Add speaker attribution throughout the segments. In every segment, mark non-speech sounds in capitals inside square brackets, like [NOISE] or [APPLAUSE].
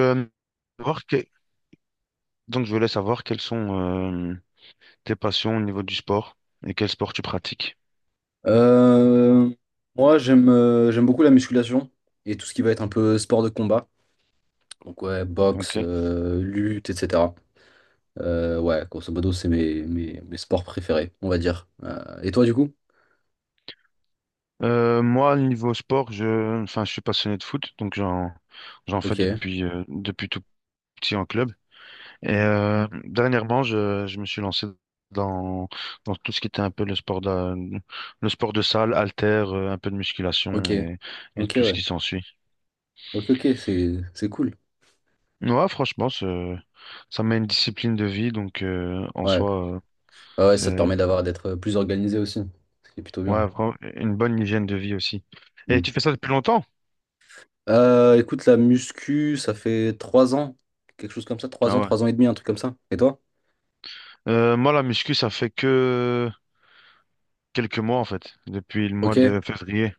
Speaker 1: Euh, voir que- Donc, je voulais savoir quelles sont tes passions au niveau du sport et quel sport tu pratiques.
Speaker 2: Euh, Moi, j'aime beaucoup la musculation et tout ce qui va être un peu sport de combat. Donc, ouais, boxe,
Speaker 1: Ok.
Speaker 2: lutte, etc. Ouais, grosso modo, c'est mes sports préférés, on va dire. Et toi, du coup?
Speaker 1: Moi, au niveau sport, enfin, je suis passionné de foot, donc j'en fais
Speaker 2: Ok,
Speaker 1: depuis tout petit en club. Et dernièrement, je me suis lancé dans, dans tout ce qui était un peu le sport de salle, haltère, un peu de musculation
Speaker 2: ok,
Speaker 1: et
Speaker 2: ok,
Speaker 1: tout ce
Speaker 2: ouais.
Speaker 1: qui s'ensuit.
Speaker 2: Ok, ok, c'est cool.
Speaker 1: Ouais, franchement, ça met une discipline de vie, donc, en
Speaker 2: Ouais.
Speaker 1: soi,
Speaker 2: Ah ouais, ça te
Speaker 1: euh,
Speaker 2: permet d'être plus organisé aussi, ce qui est plutôt bien.
Speaker 1: Ouais, vraiment, une bonne hygiène de vie aussi. Et
Speaker 2: Mm.
Speaker 1: tu fais ça depuis longtemps?
Speaker 2: Écoute, la muscu, ça fait 3 ans, quelque chose comme ça, trois
Speaker 1: Ah
Speaker 2: ans,
Speaker 1: ouais.
Speaker 2: 3 ans et demi, un truc comme ça. Et toi?
Speaker 1: Moi, la muscu, ça fait que quelques mois, en fait. Depuis le mois
Speaker 2: Ok,
Speaker 1: de février.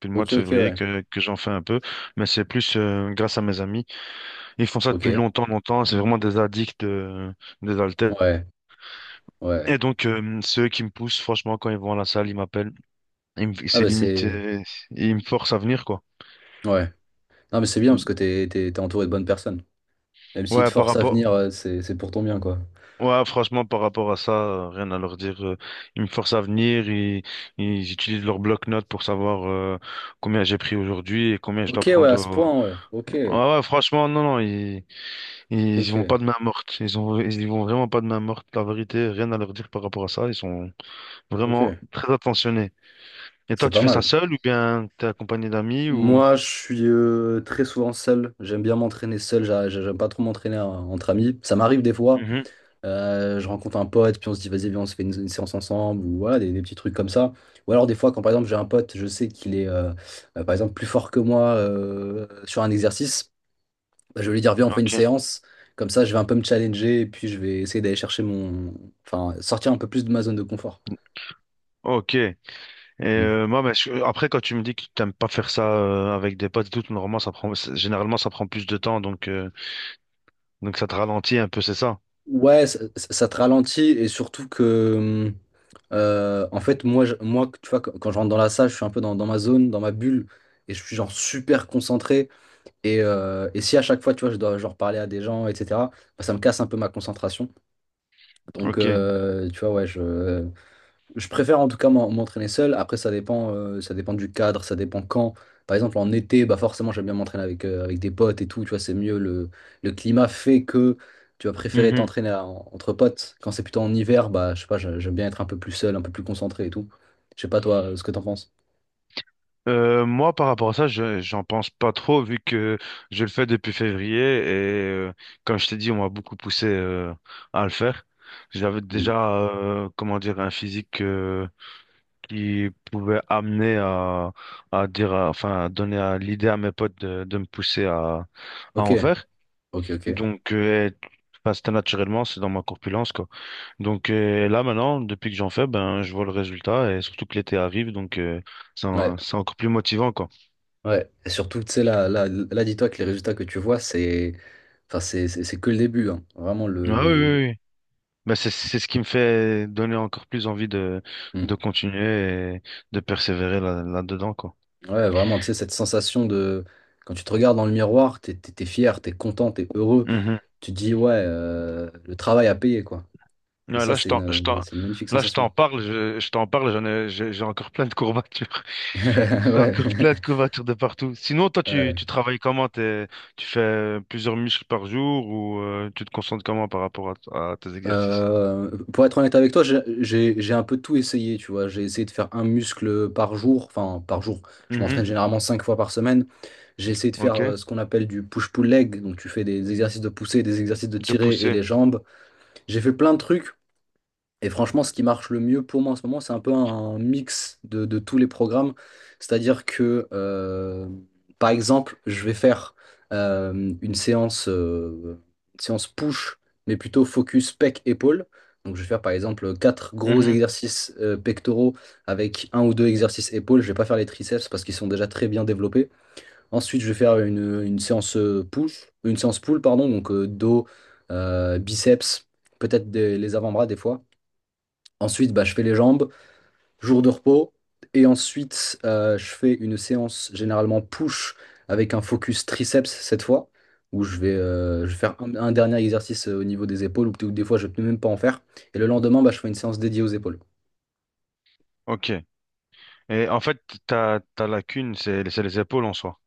Speaker 1: Depuis le mois de
Speaker 2: ok, ok,
Speaker 1: février
Speaker 2: ouais.
Speaker 1: que j'en fais un peu. Mais c'est plus grâce à mes amis. Ils font ça
Speaker 2: Ok,
Speaker 1: depuis longtemps, longtemps. C'est vraiment des addicts des haltères.
Speaker 2: ouais. Ouais.
Speaker 1: Et donc, c'est eux qui me poussent. Franchement, quand ils vont à la salle, ils m'appellent.
Speaker 2: Ah
Speaker 1: C'est
Speaker 2: bah
Speaker 1: limite,
Speaker 2: c'est.
Speaker 1: ils me forcent à venir, quoi.
Speaker 2: Ouais. Non mais c'est bien parce que t'es entouré de bonnes personnes. Même s'ils te
Speaker 1: Ouais, par
Speaker 2: forcent à
Speaker 1: rapport,
Speaker 2: venir, c'est pour ton bien, quoi.
Speaker 1: Ouais, franchement, par rapport à ça, rien à leur dire. Ils me forcent à venir, ils utilisent leur bloc-notes pour savoir combien j'ai pris aujourd'hui et combien je
Speaker 2: Ok,
Speaker 1: dois
Speaker 2: ouais,
Speaker 1: prendre.
Speaker 2: à ce
Speaker 1: au-
Speaker 2: point, ouais. Ok.
Speaker 1: Ouais, ouais, franchement, non, non, ils y
Speaker 2: Ok,
Speaker 1: vont pas de
Speaker 2: ok.
Speaker 1: main morte. Ils y vont vraiment pas de main morte. La vérité, rien à leur dire par rapport à ça. Ils sont
Speaker 2: Ok.
Speaker 1: vraiment très attentionnés. Et toi,
Speaker 2: C'est
Speaker 1: tu
Speaker 2: pas
Speaker 1: fais ça
Speaker 2: mal.
Speaker 1: seul ou bien t'es accompagné d'amis ou...
Speaker 2: Moi, je suis très souvent seul. J'aime bien m'entraîner seul. J'aime pas trop m'entraîner entre amis. Ça m'arrive des fois.
Speaker 1: Mhm.
Speaker 2: Je rencontre un pote, puis on se dit, vas-y, viens, on se fait une séance ensemble. Ou voilà, des petits trucs comme ça. Ou alors, des fois, quand par exemple, j'ai un pote, je sais qu'il est, par exemple, plus fort que moi sur un exercice. Bah, je vais lui dire, viens, on fait une
Speaker 1: Ok.
Speaker 2: séance. Comme ça, je vais un peu me challenger et puis je vais essayer d'aller chercher mon. Enfin, sortir un peu plus de ma zone de confort.
Speaker 1: Ok. Et
Speaker 2: Mm.
Speaker 1: moi, bah, après, quand tu me dis que t'aimes pas faire ça avec des potes et tout, normalement, généralement, ça prend plus de temps, donc ça te ralentit un peu, c'est ça?
Speaker 2: Ouais, ça te ralentit et surtout que. En fait, moi, moi, tu vois, quand je rentre dans la salle, je suis un peu dans, ma zone, dans ma bulle et je suis genre super concentré. Et si à chaque fois, tu vois, je dois genre parler à des gens, etc., bah, ça me casse un peu ma concentration. Donc,
Speaker 1: Ok.
Speaker 2: tu vois, ouais, je. Je préfère en tout cas m'entraîner seul. Après, ça dépend du cadre, ça dépend quand. Par exemple, en été, bah forcément, j'aime bien m'entraîner avec des potes et tout. Tu vois, c'est mieux. Le climat fait que tu vas préférer entre potes. Quand c'est plutôt en hiver, bah je sais pas, j'aime bien être un peu plus seul, un peu plus concentré et tout. Je sais pas, toi, ce que t'en penses.
Speaker 1: Moi, par rapport à ça, j'en pense pas trop vu que je le fais depuis février et euh, comme je t'ai dit, on m'a beaucoup poussé à le faire. J'avais
Speaker 2: Hmm.
Speaker 1: déjà, comment dire, un physique qui pouvait amener à dire, enfin, à donner l'idée à mes potes de me pousser à
Speaker 2: Ok,
Speaker 1: en faire.
Speaker 2: ok, ok.
Speaker 1: Donc, enfin, c'était naturellement, c'est dans ma corpulence, quoi. Donc, là, maintenant, depuis que j'en fais, ben, je vois le résultat et surtout que l'été arrive, donc euh, c'est
Speaker 2: Ouais,
Speaker 1: en- c'est encore plus motivant, quoi.
Speaker 2: ouais. Et surtout, tu sais, là, là, là, dis-toi que les résultats que tu vois, c'est, enfin, c'est que le début, hein. Vraiment.
Speaker 1: Ah oui, oui, oui. Bah, c'est ce qui me fait donner encore plus envie de,
Speaker 2: Hmm.
Speaker 1: de continuer et de persévérer là, là-dedans, quoi.
Speaker 2: Ouais, vraiment, tu sais, cette sensation de. Quand tu te regardes dans le miroir, t'es fier, t'es content, t'es heureux.
Speaker 1: Mhm.
Speaker 2: Tu te dis, ouais, le travail a payé, quoi. Et
Speaker 1: Ouais,
Speaker 2: ça, c'est une, c'est une magnifique
Speaker 1: là, je t'en
Speaker 2: sensation. [LAUGHS]
Speaker 1: parle, je t'en parle, j'ai encore plein de courbatures. [LAUGHS] J'ai
Speaker 2: Ouais.
Speaker 1: encore plein de courbatures de partout. Sinon, toi, tu,
Speaker 2: Ouais.
Speaker 1: tu travailles comment? Tu fais plusieurs muscles par jour ou tu te concentres comment par rapport à tes exercices?
Speaker 2: Pour être honnête avec toi, j'ai un peu tout essayé, tu vois. J'ai essayé de faire un muscle par jour, enfin par jour. Je
Speaker 1: Mhm.
Speaker 2: m'entraîne généralement cinq fois par semaine. J'ai essayé de faire
Speaker 1: Ok.
Speaker 2: ce qu'on appelle du push-pull leg, donc tu fais des exercices de poussée, des exercices de
Speaker 1: De
Speaker 2: tirer et
Speaker 1: pousser.
Speaker 2: les jambes. J'ai fait plein de trucs. Et franchement, ce qui marche le mieux pour moi en ce moment, c'est un peu un mix de tous les programmes. C'est-à-dire que, par exemple, je vais faire euh, une séance, euh, une séance push, mais plutôt focus pec-épaule. Donc, je vais faire par exemple quatre gros
Speaker 1: Mhm.
Speaker 2: exercices pectoraux avec un ou deux exercices épaules. Je vais pas faire les triceps parce qu'ils sont déjà très bien développés. Ensuite, je vais faire une séance push, une séance pull, pardon, donc dos, biceps, peut-être les avant-bras des fois. Ensuite, bah, je fais les jambes, jour de repos. Et ensuite, je fais une séance généralement push avec un focus triceps cette fois, où je vais faire un dernier exercice au niveau des épaules, ou peut-être des fois je ne peux même pas en faire. Et le lendemain, bah, je fais une séance dédiée aux épaules.
Speaker 1: Ok. Et en fait, ta lacune, c'est les épaules en soi.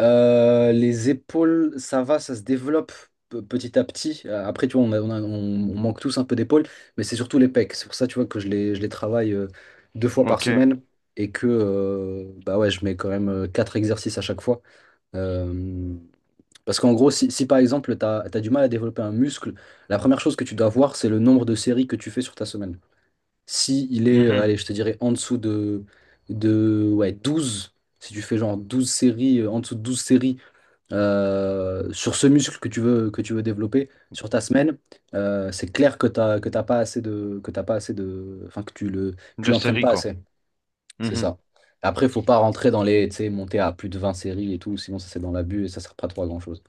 Speaker 2: Les épaules, ça va, ça se développe petit à petit. Après, tu vois, on manque tous un peu d'épaules, mais c'est surtout les pecs. C'est pour ça, tu vois, que je les travaille deux fois par
Speaker 1: Ok.
Speaker 2: semaine et que bah ouais, je mets quand même quatre exercices à chaque fois. Euh, Parce qu'en gros, si par exemple, tu as, du mal à développer un muscle, la première chose que tu dois voir, c'est le nombre de séries que tu fais sur ta semaine. Si il est,
Speaker 1: Mhm.
Speaker 2: allez, je te dirais en dessous de, ouais, 12. Si tu fais genre 12 séries, en dessous de 12 séries sur ce muscle que tu veux développer sur ta semaine, c'est clair que t'as pas assez de, enfin, que tu le, tu
Speaker 1: De
Speaker 2: l'entraînes
Speaker 1: série,
Speaker 2: pas
Speaker 1: quoi.
Speaker 2: assez. C'est
Speaker 1: Mhm.
Speaker 2: ça. Après, il faut pas rentrer dans les, tu sais, monter à plus de 20 séries et tout, sinon ça c'est dans l'abus et ça sert pas trop à grand-chose.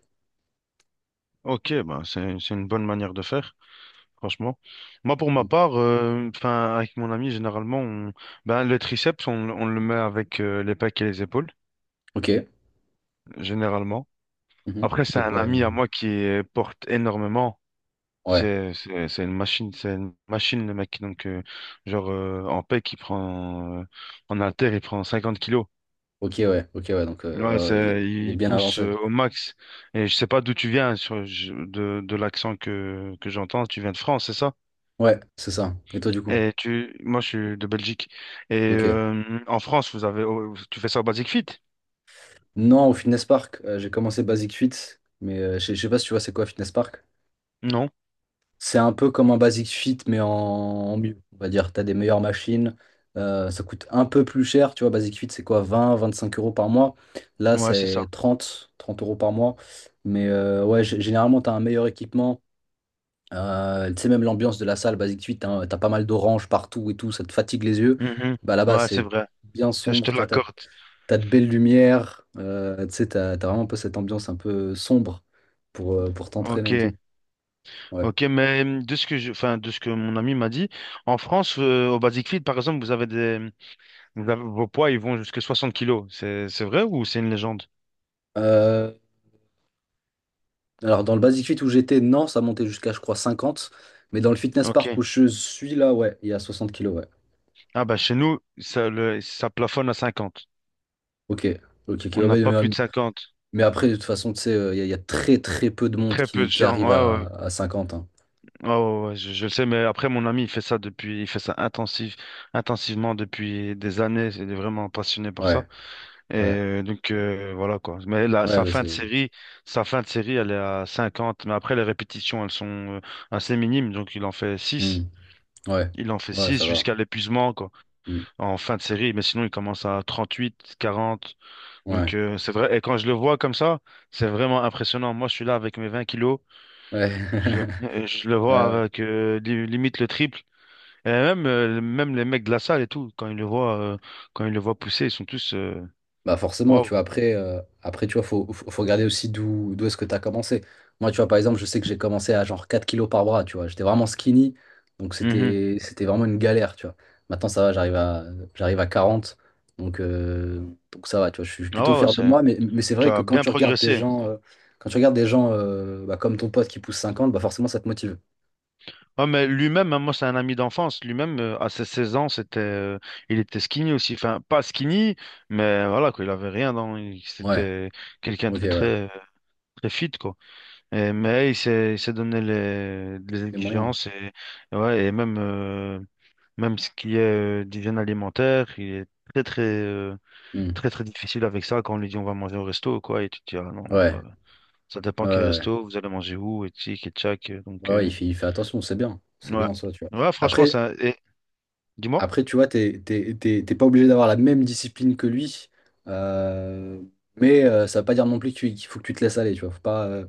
Speaker 1: Ok, bah, c'est une bonne manière de faire, franchement. Moi, pour ma
Speaker 2: Mm.
Speaker 1: part, enfin, avec mon ami, généralement, ben, le triceps, on le met avec les pecs et les épaules,
Speaker 2: Ok.
Speaker 1: généralement.
Speaker 2: Mhm.
Speaker 1: Après, c'est
Speaker 2: Donc
Speaker 1: un
Speaker 2: ouais,
Speaker 1: ami à moi qui porte énormément.
Speaker 2: ouais.
Speaker 1: C'est une machine, c'est une machine, le mec. Donc, genre, en pec, il prend, en haltère, il prend 50 kilos.
Speaker 2: Ok, ouais, ok, ouais. Donc
Speaker 1: Ouais,
Speaker 2: ouais, ouais, il est, il est
Speaker 1: il
Speaker 2: bien
Speaker 1: pousse
Speaker 2: avancé.
Speaker 1: au max. Et je sais pas d'où tu viens sur, de l'accent que j'entends. Tu viens de France, c'est ça?
Speaker 2: Ouais, c'est ça. Et toi du coup?
Speaker 1: Moi, je suis de Belgique. Et
Speaker 2: Ok.
Speaker 1: en France, oh, tu fais ça au Basic Fit?
Speaker 2: Non, au Fitness Park, j'ai commencé Basic Fit, mais je sais pas si tu vois c'est quoi Fitness Park.
Speaker 1: Non?
Speaker 2: C'est un peu comme un Basic Fit, mais en mieux. On va dire, tu as des meilleures machines. Ça coûte un peu plus cher. Tu vois, Basic Fit, c'est quoi? 20-25 € par mois. Là,
Speaker 1: Ouais, c'est
Speaker 2: c'est
Speaker 1: ça.
Speaker 2: trente euros par mois. Mais ouais, généralement, tu as un meilleur équipement. Tu sais, même l'ambiance de la salle, Basic Fit, tu as, pas mal d'oranges partout et tout. Ça te fatigue les yeux.
Speaker 1: Mhm.
Speaker 2: Bah, là-bas,
Speaker 1: Ouais, c'est
Speaker 2: c'est
Speaker 1: vrai.
Speaker 2: bien
Speaker 1: Ça, je te
Speaker 2: sombre. Tu vois, tu
Speaker 1: l'accorde.
Speaker 2: as, de belles lumières. Tu sais, tu as, vraiment un peu cette ambiance un peu sombre pour t'entraîner et
Speaker 1: Ok,
Speaker 2: tout. Ouais.
Speaker 1: ok. Mais de ce enfin, de ce que mon ami m'a dit, en France, au Basic Fit, par exemple, vous avez des, vous avez- vos poids, ils vont jusqu'à 60 kilos. C'est vrai ou c'est une légende?
Speaker 2: Euh, Alors, dans le Basic Fit où j'étais, non, ça montait jusqu'à, je crois, 50. Mais dans le Fitness
Speaker 1: Ok.
Speaker 2: Park où je suis là, ouais, il y a 60 kilos, ouais.
Speaker 1: Ah bah chez nous, ça plafonne à 50.
Speaker 2: Ok, ok, ok, ouais,
Speaker 1: On n'a pas
Speaker 2: ouais,
Speaker 1: plus
Speaker 2: mais,
Speaker 1: de 50,
Speaker 2: mais après, de toute façon, tu sais, il y a très, très peu de monde
Speaker 1: Très peu de
Speaker 2: qui
Speaker 1: gens.
Speaker 2: arrive
Speaker 1: Ouais, ouais.
Speaker 2: à 50, hein.
Speaker 1: Ouais, ouais, ouais, je le sais, mais après mon ami, il fait ça intensivement depuis des années. Il est vraiment passionné par ça.
Speaker 2: Ouais,
Speaker 1: Et
Speaker 2: ouais,
Speaker 1: donc voilà quoi. Mais là,
Speaker 2: ouais,
Speaker 1: sa
Speaker 2: bah,
Speaker 1: fin de
Speaker 2: c'est.
Speaker 1: série, sa fin de série, elle est à 50. Mais après les répétitions, elles sont euh, assez minimes. Donc il en fait
Speaker 2: Hmm,
Speaker 1: 6,
Speaker 2: ouais,
Speaker 1: Il en fait
Speaker 2: ouais,
Speaker 1: 6
Speaker 2: ça va.
Speaker 1: jusqu'à l'épuisement quoi.
Speaker 2: Hmm,
Speaker 1: En fin de série. Mais sinon, il commence à 38, 40.
Speaker 2: ouais,
Speaker 1: Donc, c'est vrai. Et quand je le vois comme ça, c'est vraiment impressionnant. Moi, je suis là avec mes 20 kilos.
Speaker 2: ouais.
Speaker 1: Je le,
Speaker 2: [LAUGHS]
Speaker 1: euh, je le vois
Speaker 2: Ouais,
Speaker 1: avec limite le triple. Et même les mecs de la salle et tout, quand ils le voient, quand ils le voient pousser, ils sont tous
Speaker 2: bah forcément, tu
Speaker 1: waouh.
Speaker 2: vois, après tu vois, faut regarder aussi d'où est-ce que tu as commencé. Moi, tu vois, par exemple, je sais que j'ai commencé à genre 4 kilos par bras, tu vois. J'étais vraiment skinny, donc
Speaker 1: Mhm.
Speaker 2: c'était vraiment une galère, tu vois. Maintenant, ça va, j'arrive à 40, donc, euh, donc ça va, tu vois. Je suis plutôt
Speaker 1: Ah ouais, ouais,
Speaker 2: fier de moi, mais c'est
Speaker 1: tu
Speaker 2: vrai que
Speaker 1: as bien progressé.
Speaker 2: quand tu regardes des gens bah, comme ton pote qui pousse 50, bah forcément, ça te motive.
Speaker 1: Ah, mais lui-même, hein, moi, c'est un ami d'enfance. Lui-même, à ses 16 ans, il était skinny aussi. Enfin, pas skinny, mais voilà, quoi, il avait rien dans.
Speaker 2: Ouais,
Speaker 1: C'était quelqu'un
Speaker 2: ok,
Speaker 1: de
Speaker 2: ouais.
Speaker 1: très, très fit, quoi. Mais il s'est donné les
Speaker 2: Les moyens.
Speaker 1: exigences et ouais, et même ce qui est d'hygiène alimentaire, il est très, très,
Speaker 2: Hmm.
Speaker 1: très, très difficile avec ça quand on lui dit on va manger au resto, quoi. Et tu te dis, ah non,
Speaker 2: Ouais,
Speaker 1: euh, ça dépend
Speaker 2: ouais,
Speaker 1: quel
Speaker 2: ouais.
Speaker 1: resto, vous allez manger où, et tic, et tchac. euh, Donc,
Speaker 2: Ouais, ouais, il
Speaker 1: euh,
Speaker 2: fait, il fait attention, c'est bien. C'est
Speaker 1: ouais.
Speaker 2: bien ça, tu vois.
Speaker 1: Ouais, franchement,
Speaker 2: Après,
Speaker 1: ça. Et, dis-moi.
Speaker 2: Après, tu vois, t'es pas obligé d'avoir la même discipline que lui, euh, mais ça veut pas dire non plus qu'il faut que tu te laisses aller, tu vois. Faut pas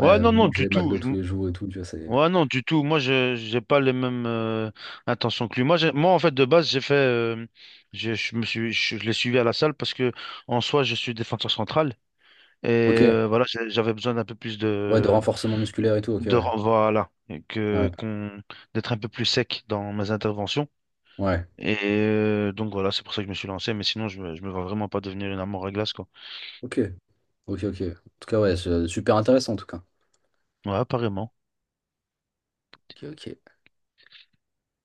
Speaker 1: Ouais, non, non, du
Speaker 2: manger
Speaker 1: tout.
Speaker 2: McDo tous les jours et tout, tu vois, c'est.
Speaker 1: Ouais, non, du tout. Moi, je j'ai pas les mêmes intentions que lui. Moi, moi, en fait, de base, j'ai fait, j'ai- je me suis, je l'ai suivi à la salle parce que, en soi, je suis défenseur central et
Speaker 2: Ok,
Speaker 1: voilà, j'avais besoin d'un peu plus
Speaker 2: ouais, de
Speaker 1: de,
Speaker 2: renforcement musculaire et tout, ok,
Speaker 1: de,
Speaker 2: ouais.
Speaker 1: ren- voilà, et
Speaker 2: Ouais,
Speaker 1: que qu'on d'être un peu plus sec dans mes interventions.
Speaker 2: ouais,
Speaker 1: Et donc voilà, c'est pour ça que je me suis lancé. Mais sinon, je me vois vraiment pas devenir une armoire à glace, quoi.
Speaker 2: ok, ok, ok. En tout cas, ouais, c'est super intéressant, en tout cas.
Speaker 1: Ouais, apparemment.
Speaker 2: Ok, ok.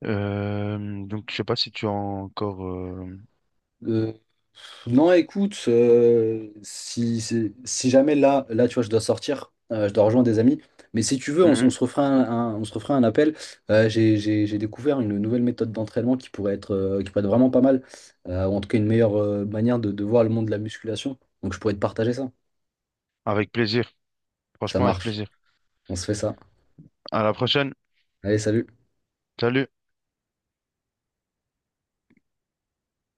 Speaker 1: Donc, je sais pas si tu as encore.
Speaker 2: Euh, non, écoute, si jamais là, là, tu vois, je dois sortir, je dois rejoindre des amis. Mais si tu veux, on
Speaker 1: Mhm.
Speaker 2: se refera un, un- on se refera un appel. J'ai découvert une nouvelle méthode d'entraînement qui pourrait être vraiment pas mal, ou en tout cas une meilleure manière de voir le monde de la musculation. Donc je pourrais te partager ça.
Speaker 1: Avec plaisir.
Speaker 2: Ça
Speaker 1: Franchement, avec
Speaker 2: marche.
Speaker 1: plaisir.
Speaker 2: On se fait ça.
Speaker 1: À la prochaine.
Speaker 2: Allez, salut.
Speaker 1: Salut.